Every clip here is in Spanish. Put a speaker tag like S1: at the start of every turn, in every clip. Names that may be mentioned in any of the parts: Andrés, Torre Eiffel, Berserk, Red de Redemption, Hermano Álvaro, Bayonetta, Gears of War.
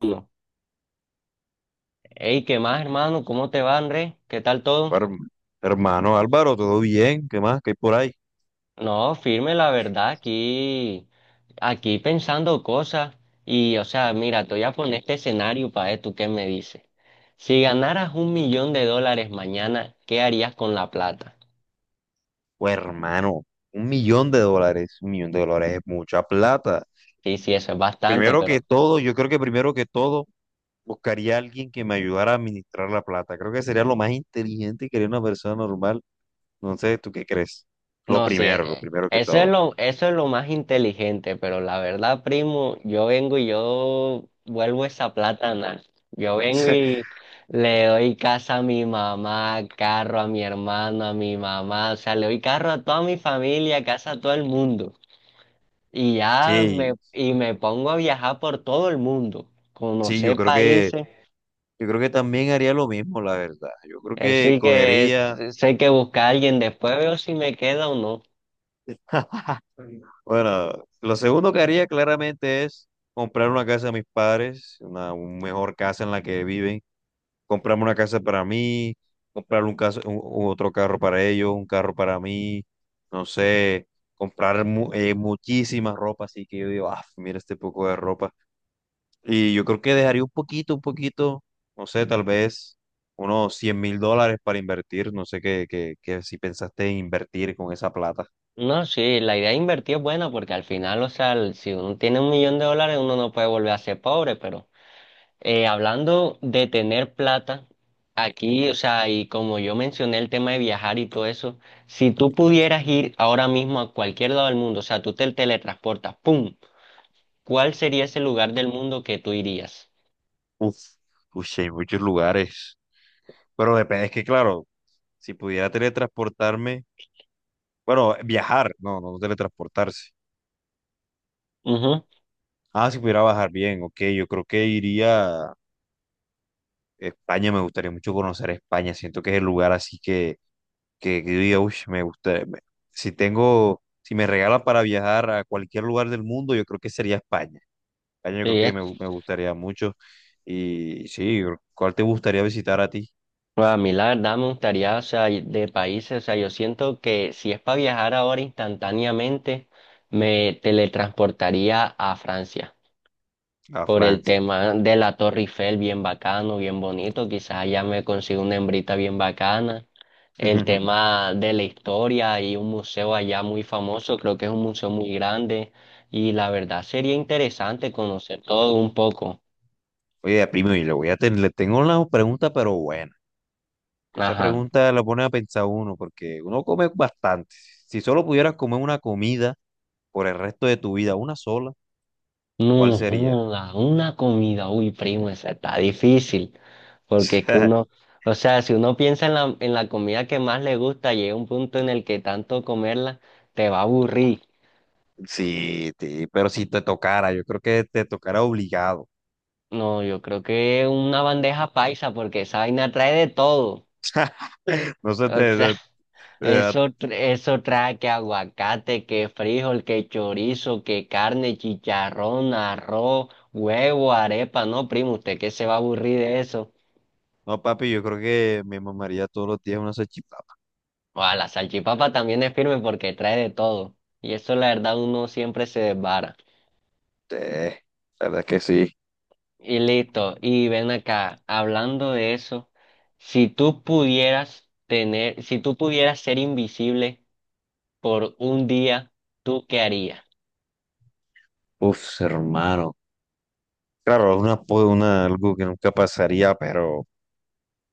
S1: Uno. Ey, ¿qué más, hermano? ¿Cómo te va, Andrés? ¿Qué tal todo?
S2: Her- Hermano Álvaro, ¿todo bien? ¿Qué más? ¿Qué hay por ahí?
S1: No, firme, la verdad, aquí, aquí pensando cosas. Y, o sea, mira, te voy a poner este escenario para ver tú qué me dices. Si ganaras $1.000.000 mañana, ¿qué harías con la plata?
S2: Pues hermano, $1 millón, $1 millón es mucha plata.
S1: Sí, sí, eso es bastante,
S2: Primero que
S1: pero
S2: todo, yo creo que primero que todo buscaría a alguien que me ayudara a administrar la plata. Creo que sería lo más inteligente que haría una persona normal. No sé, ¿tú qué crees?
S1: no, sí,
S2: Lo primero que todo.
S1: eso es lo más inteligente, pero la verdad, primo, yo vengo y yo vuelvo esa plátana. Yo vengo y le doy casa a mi mamá, carro a mi hermano, a mi mamá, o sea, le doy carro a toda mi familia, casa a todo el mundo. Y ya me,
S2: Sí,
S1: y me pongo a viajar por todo el mundo,
S2: sí, yo
S1: conocer
S2: creo que,
S1: países.
S2: yo creo que también haría lo mismo, la verdad. Yo creo que
S1: Así que es-
S2: cogería.
S1: Sé que buscar a alguien, después veo si me queda o no.
S2: Bueno, lo segundo que haría claramente es comprar una casa a mis padres, una un mejor casa en la que viven, comprarme una casa para mí, comprar un otro carro para ellos, un carro para mí, no sé, comprar muchísima ropa, así que yo digo, ah, mira este poco de ropa. Y yo creo que dejaría un poquito, no sé, tal vez unos $100.000 para invertir, no sé qué si pensaste en invertir con esa plata.
S1: No, sí, la idea de invertir es buena porque al final, o sea, si uno tiene $1.000.000, uno no puede volver a ser pobre, pero hablando de tener plata, aquí, o sea, y como yo mencioné el tema de viajar y todo eso, si tú pudieras ir ahora mismo a cualquier lado del mundo, o sea, tú te teletransportas, ¡pum! ¿Cuál sería ese lugar del mundo que tú irías?
S2: Uf, uy, sí, hay muchos lugares. Pero depende, es que claro, si pudiera teletransportarme, bueno, viajar, no, no teletransportarse.
S1: Ujú,
S2: Ah, si pudiera bajar bien, ok, yo creo que iría a España, me gustaría mucho conocer España, siento que es el lugar así que yo diga, "Ush, me gusta, si me regalan para viajar a cualquier lugar del mundo, yo creo que sería España. España yo creo
S1: sí,
S2: que me gustaría mucho. Y sí, ¿cuál te gustaría visitar a ti?
S1: pues a mí la verdad me gustaría, o sea, de países, o sea, yo siento que si es para viajar ahora instantáneamente, me teletransportaría a Francia
S2: A
S1: por el
S2: Francia.
S1: tema de la Torre Eiffel, bien bacano, bien bonito, quizás allá me consigo una hembrita bien bacana, el tema de la historia y un museo allá muy famoso, creo que es un museo muy grande y la verdad sería interesante conocer todo un poco.
S2: Oye, primo, y le voy a tener, le tengo una pregunta, pero bueno. Esa
S1: Ajá.
S2: pregunta la pone a pensar uno, porque uno come bastante. Si solo pudieras comer una comida por el resto de tu vida, una sola, ¿cuál
S1: No
S2: sería?
S1: joda, una comida, uy, primo, esa está difícil. Porque es que uno, o sea, si uno piensa en la comida que más le gusta, llega un punto en el que tanto comerla te va a aburrir.
S2: Sí, sí, pero si te tocara, yo creo que te tocara obligado.
S1: No, yo creo que una bandeja paisa, porque esa vaina trae de todo.
S2: No sé,
S1: O sea,
S2: eh,
S1: eso, eso trae que aguacate, que frijol, que chorizo, que carne, chicharrón, arroz, huevo, arepa. No, primo, ¿usted qué se va a aburrir de eso?
S2: no, papi, yo creo que me mamaría todos los días una salchipapa.
S1: Ah, la salchipapa también es firme porque trae de todo. Y eso, la verdad, uno siempre se desvara.
S2: Eh, la verdad que sí.
S1: Y listo. Y ven acá, hablando de eso, si tú pudieras tener, si tú pudieras ser invisible por un día, ¿tú qué harías?
S2: Uf, hermano. Claro, algo que nunca pasaría, pero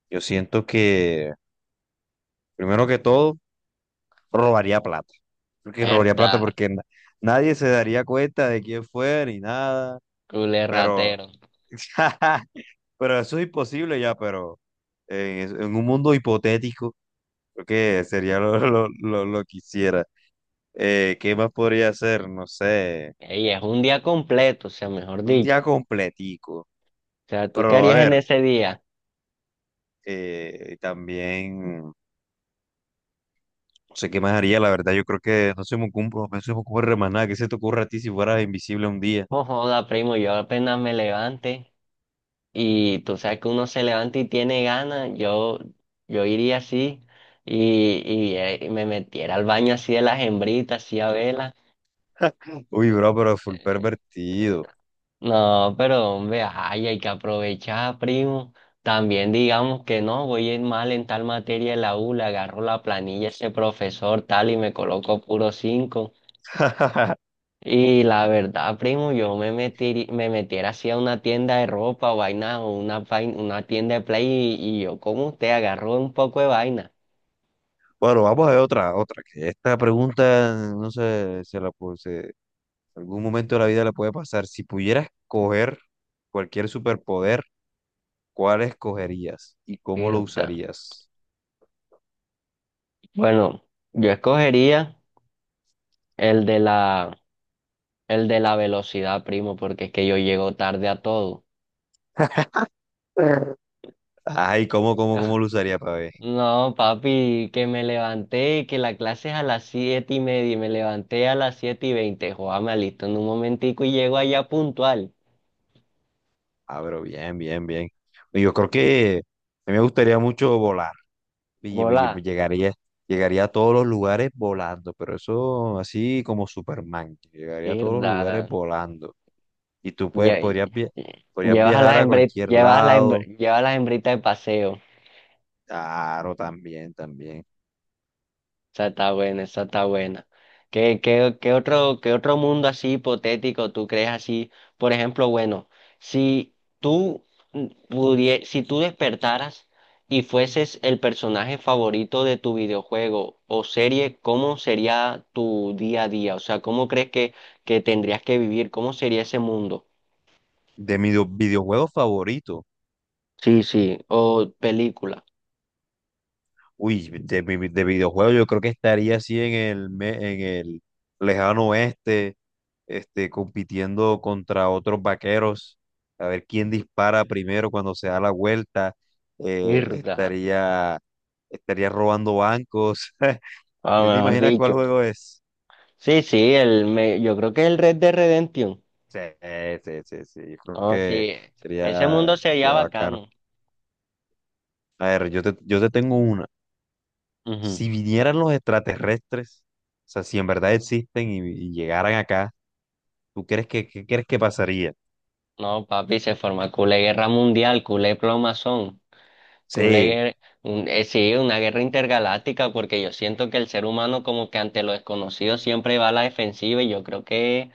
S2: yo siento que, primero que todo, robaría plata. Porque robaría plata
S1: Verdad,
S2: porque nadie se daría cuenta de quién fue ni nada.
S1: culé
S2: Pero,
S1: ratero.
S2: pero eso es imposible ya, pero en un mundo hipotético, creo que sería lo que hiciera. ¿Qué más podría hacer? No sé,
S1: Ey, es un día completo, o sea, mejor
S2: un
S1: dicho.
S2: día completico.
S1: O sea, ¿tú qué
S2: Pero a
S1: harías en
S2: ver,
S1: ese día?
S2: también, no sé qué más haría, la verdad, yo creo que no se me ocurre, no se me ocurre más nada. ¿Qué se te ocurre a ti si fueras invisible un día?
S1: Oh, joda, primo, yo apenas me levante y tú sabes que uno se levanta y tiene ganas, yo iría así y, me metiera al baño así de las hembritas, así a vela.
S2: Uy, bro, pero full pervertido.
S1: No, pero hombre, ay, hay que aprovechar, primo. También digamos que no, voy a ir mal en tal materia en la U, le agarro la planilla a ese profesor tal y me coloco puro 5. Y la verdad, primo, yo me metí, me metiera así a una tienda de ropa o vaina o una, una tienda de play y yo como usted agarro un poco de vaina.
S2: Bueno, vamos a ver que esta pregunta, no sé, se la pu- se- en algún momento de la vida la puede pasar. Si pudieras coger cualquier superpoder, ¿cuál escogerías y cómo lo
S1: Irta.
S2: usarías?
S1: Bueno, yo escogería el de la, el de la velocidad, primo, porque es que yo llego tarde a todo.
S2: Ay, ¿¿cómo lo usaría para ver?
S1: No, papi, que me levanté y que la clase es a las 7:30 y me levanté a las 7:20. Joder, me alisto en un momentico y llego allá puntual.
S2: Ah, pero bien, bien, bien. Yo creo que a mí me gustaría mucho volar. Y pues,
S1: Hola,
S2: llegaría a todos los lugares volando, pero eso así como Superman, que llegaría a todos los lugares
S1: mierda.
S2: volando. Y tú puedes,
S1: Lle-
S2: podrías, via- podrías
S1: Llevas a
S2: viajar
S1: las
S2: a
S1: hembritas,
S2: cualquier
S1: llevas a las
S2: lado.
S1: llevas a las hembritas de paseo.
S2: Claro, también, también.
S1: Esa está buena, esa está buena. ¿Qué, qué, qué otro mundo así hipotético tú crees así? Por ejemplo, bueno, si tú si tú despertaras y fueses el personaje favorito de tu videojuego o serie, ¿cómo sería tu día a día? O sea, ¿cómo crees que tendrías que vivir? ¿Cómo sería ese mundo?
S2: De mi videojuego favorito.
S1: Sí, sí, o película.
S2: Uy, de videojuegos yo creo que estaría así en el lejano oeste, este, compitiendo contra otros vaqueros, a ver quién dispara primero cuando se da la vuelta, eh,
S1: Mierda.
S2: estaría, estaría robando bancos.
S1: Ah,
S2: ¿Sí te
S1: mejor
S2: imaginas cuál
S1: dicho.
S2: juego es?
S1: Sí, sí, yo creo que el Red de Redemption.
S2: Sí, sí, sí, sí, yo creo
S1: Oh,
S2: que
S1: sí, ese
S2: sería,
S1: mundo se halla
S2: sería bacano.
S1: bacano.
S2: A ver, yo te tengo una.
S1: Ujú.
S2: Si vinieran los extraterrestres, o sea, si en verdad existen y llegaran acá. ¿Tú crees que qué crees que pasaría?
S1: No, papi, se forma culé guerra mundial, culé plomazón, culé
S2: Sí,
S1: guer- sí, una guerra intergaláctica, porque yo siento que el ser humano como que ante lo desconocido siempre va a la defensiva y yo creo que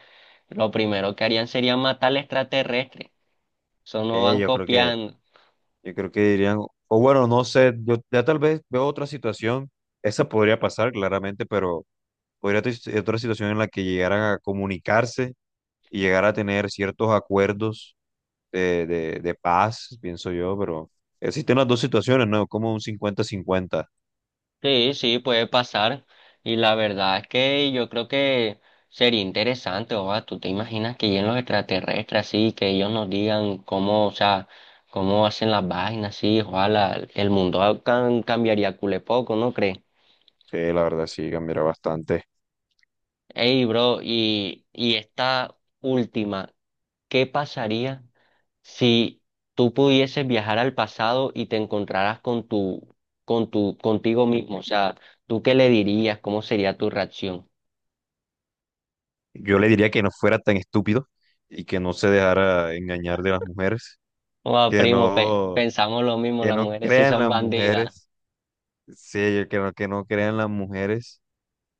S1: lo primero que harían sería matar al extraterrestre. Eso no
S2: sí,
S1: van
S2: yo creo que,
S1: copiando.
S2: yo creo que dirían, o bueno, no sé, yo ya tal vez veo otra situación, esa podría pasar claramente, pero podría ser otra situación en la que llegaran a comunicarse y llegar a tener ciertos acuerdos de paz, pienso yo, pero existen las dos situaciones, ¿no? Como un 50/50.
S1: Sí, sí, puede pasar. Y la verdad es que yo creo que sería interesante, o sea, tú te imaginas que lleguen los extraterrestres así, que ellos nos digan cómo, o sea, cómo hacen las vainas, sí, ojalá el mundo cambiaría cule poco, ¿no crees?
S2: Sí, la verdad sí, cambiará bastante.
S1: Ey, bro, y esta última, ¿qué pasaría si tú pudieses viajar al pasado y te encontraras con tu, contigo mismo? O sea, ¿tú qué le dirías? ¿Cómo sería tu reacción?
S2: Yo le diría que no fuera tan estúpido y que no se dejara engañar de las mujeres,
S1: Wow,
S2: que
S1: primo,
S2: no
S1: pensamos lo mismo,
S2: que
S1: las
S2: no
S1: mujeres sí
S2: crean
S1: son
S2: las
S1: bandidas.
S2: mujeres, sí, que no crean las mujeres,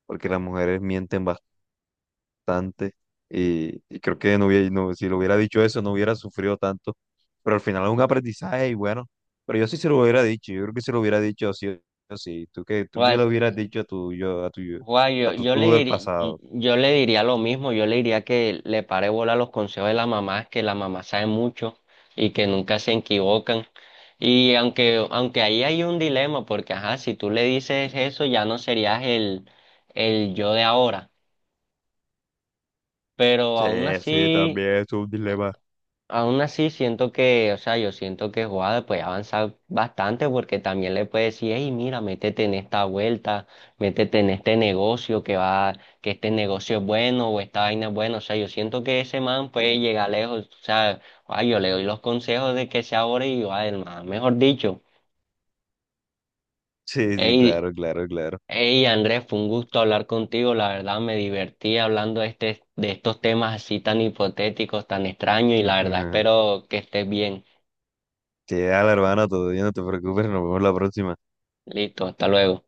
S2: porque las mujeres mienten bastante y creo que no hubiera, no, si lo hubiera dicho eso no hubiera sufrido tanto, pero al final es un aprendizaje y bueno, pero yo sí se lo hubiera dicho, yo creo que se lo hubiera dicho sí o sí, tú que, tú
S1: Guau,
S2: que lo hubieras dicho a tu yo,
S1: guau, yo,
S2: a tu tú del pasado.
S1: yo le diría lo mismo, yo le diría que le pare bola a los consejos de la mamá, que la mamá sabe mucho y que nunca se equivocan. Y aunque, aunque ahí hay un dilema, porque ajá, si tú le dices eso, ya no serías el yo de ahora. Pero
S2: Sí,
S1: aún
S2: sí,
S1: así.
S2: también es un dilema.
S1: Aún así, siento que, o sea, yo siento que Juada puede avanzar bastante porque también le puede decir, hey, mira, métete en esta vuelta, métete en este negocio que va, que este negocio es bueno o esta vaina es buena. O sea, yo siento que ese man puede llegar lejos. O sea, Juada, yo le doy los consejos de que se ahora y va, man, mejor dicho,
S2: Sí, sí,
S1: hey,
S2: claro, claro, claro.
S1: Andrés, fue un gusto hablar contigo. La verdad, me divertí hablando de este, de estos temas así tan hipotéticos, tan extraños y la verdad, espero que estés bien.
S2: Sí, dale, hermano, todo bien, no te preocupes, nos vemos la próxima.
S1: Listo, hasta luego.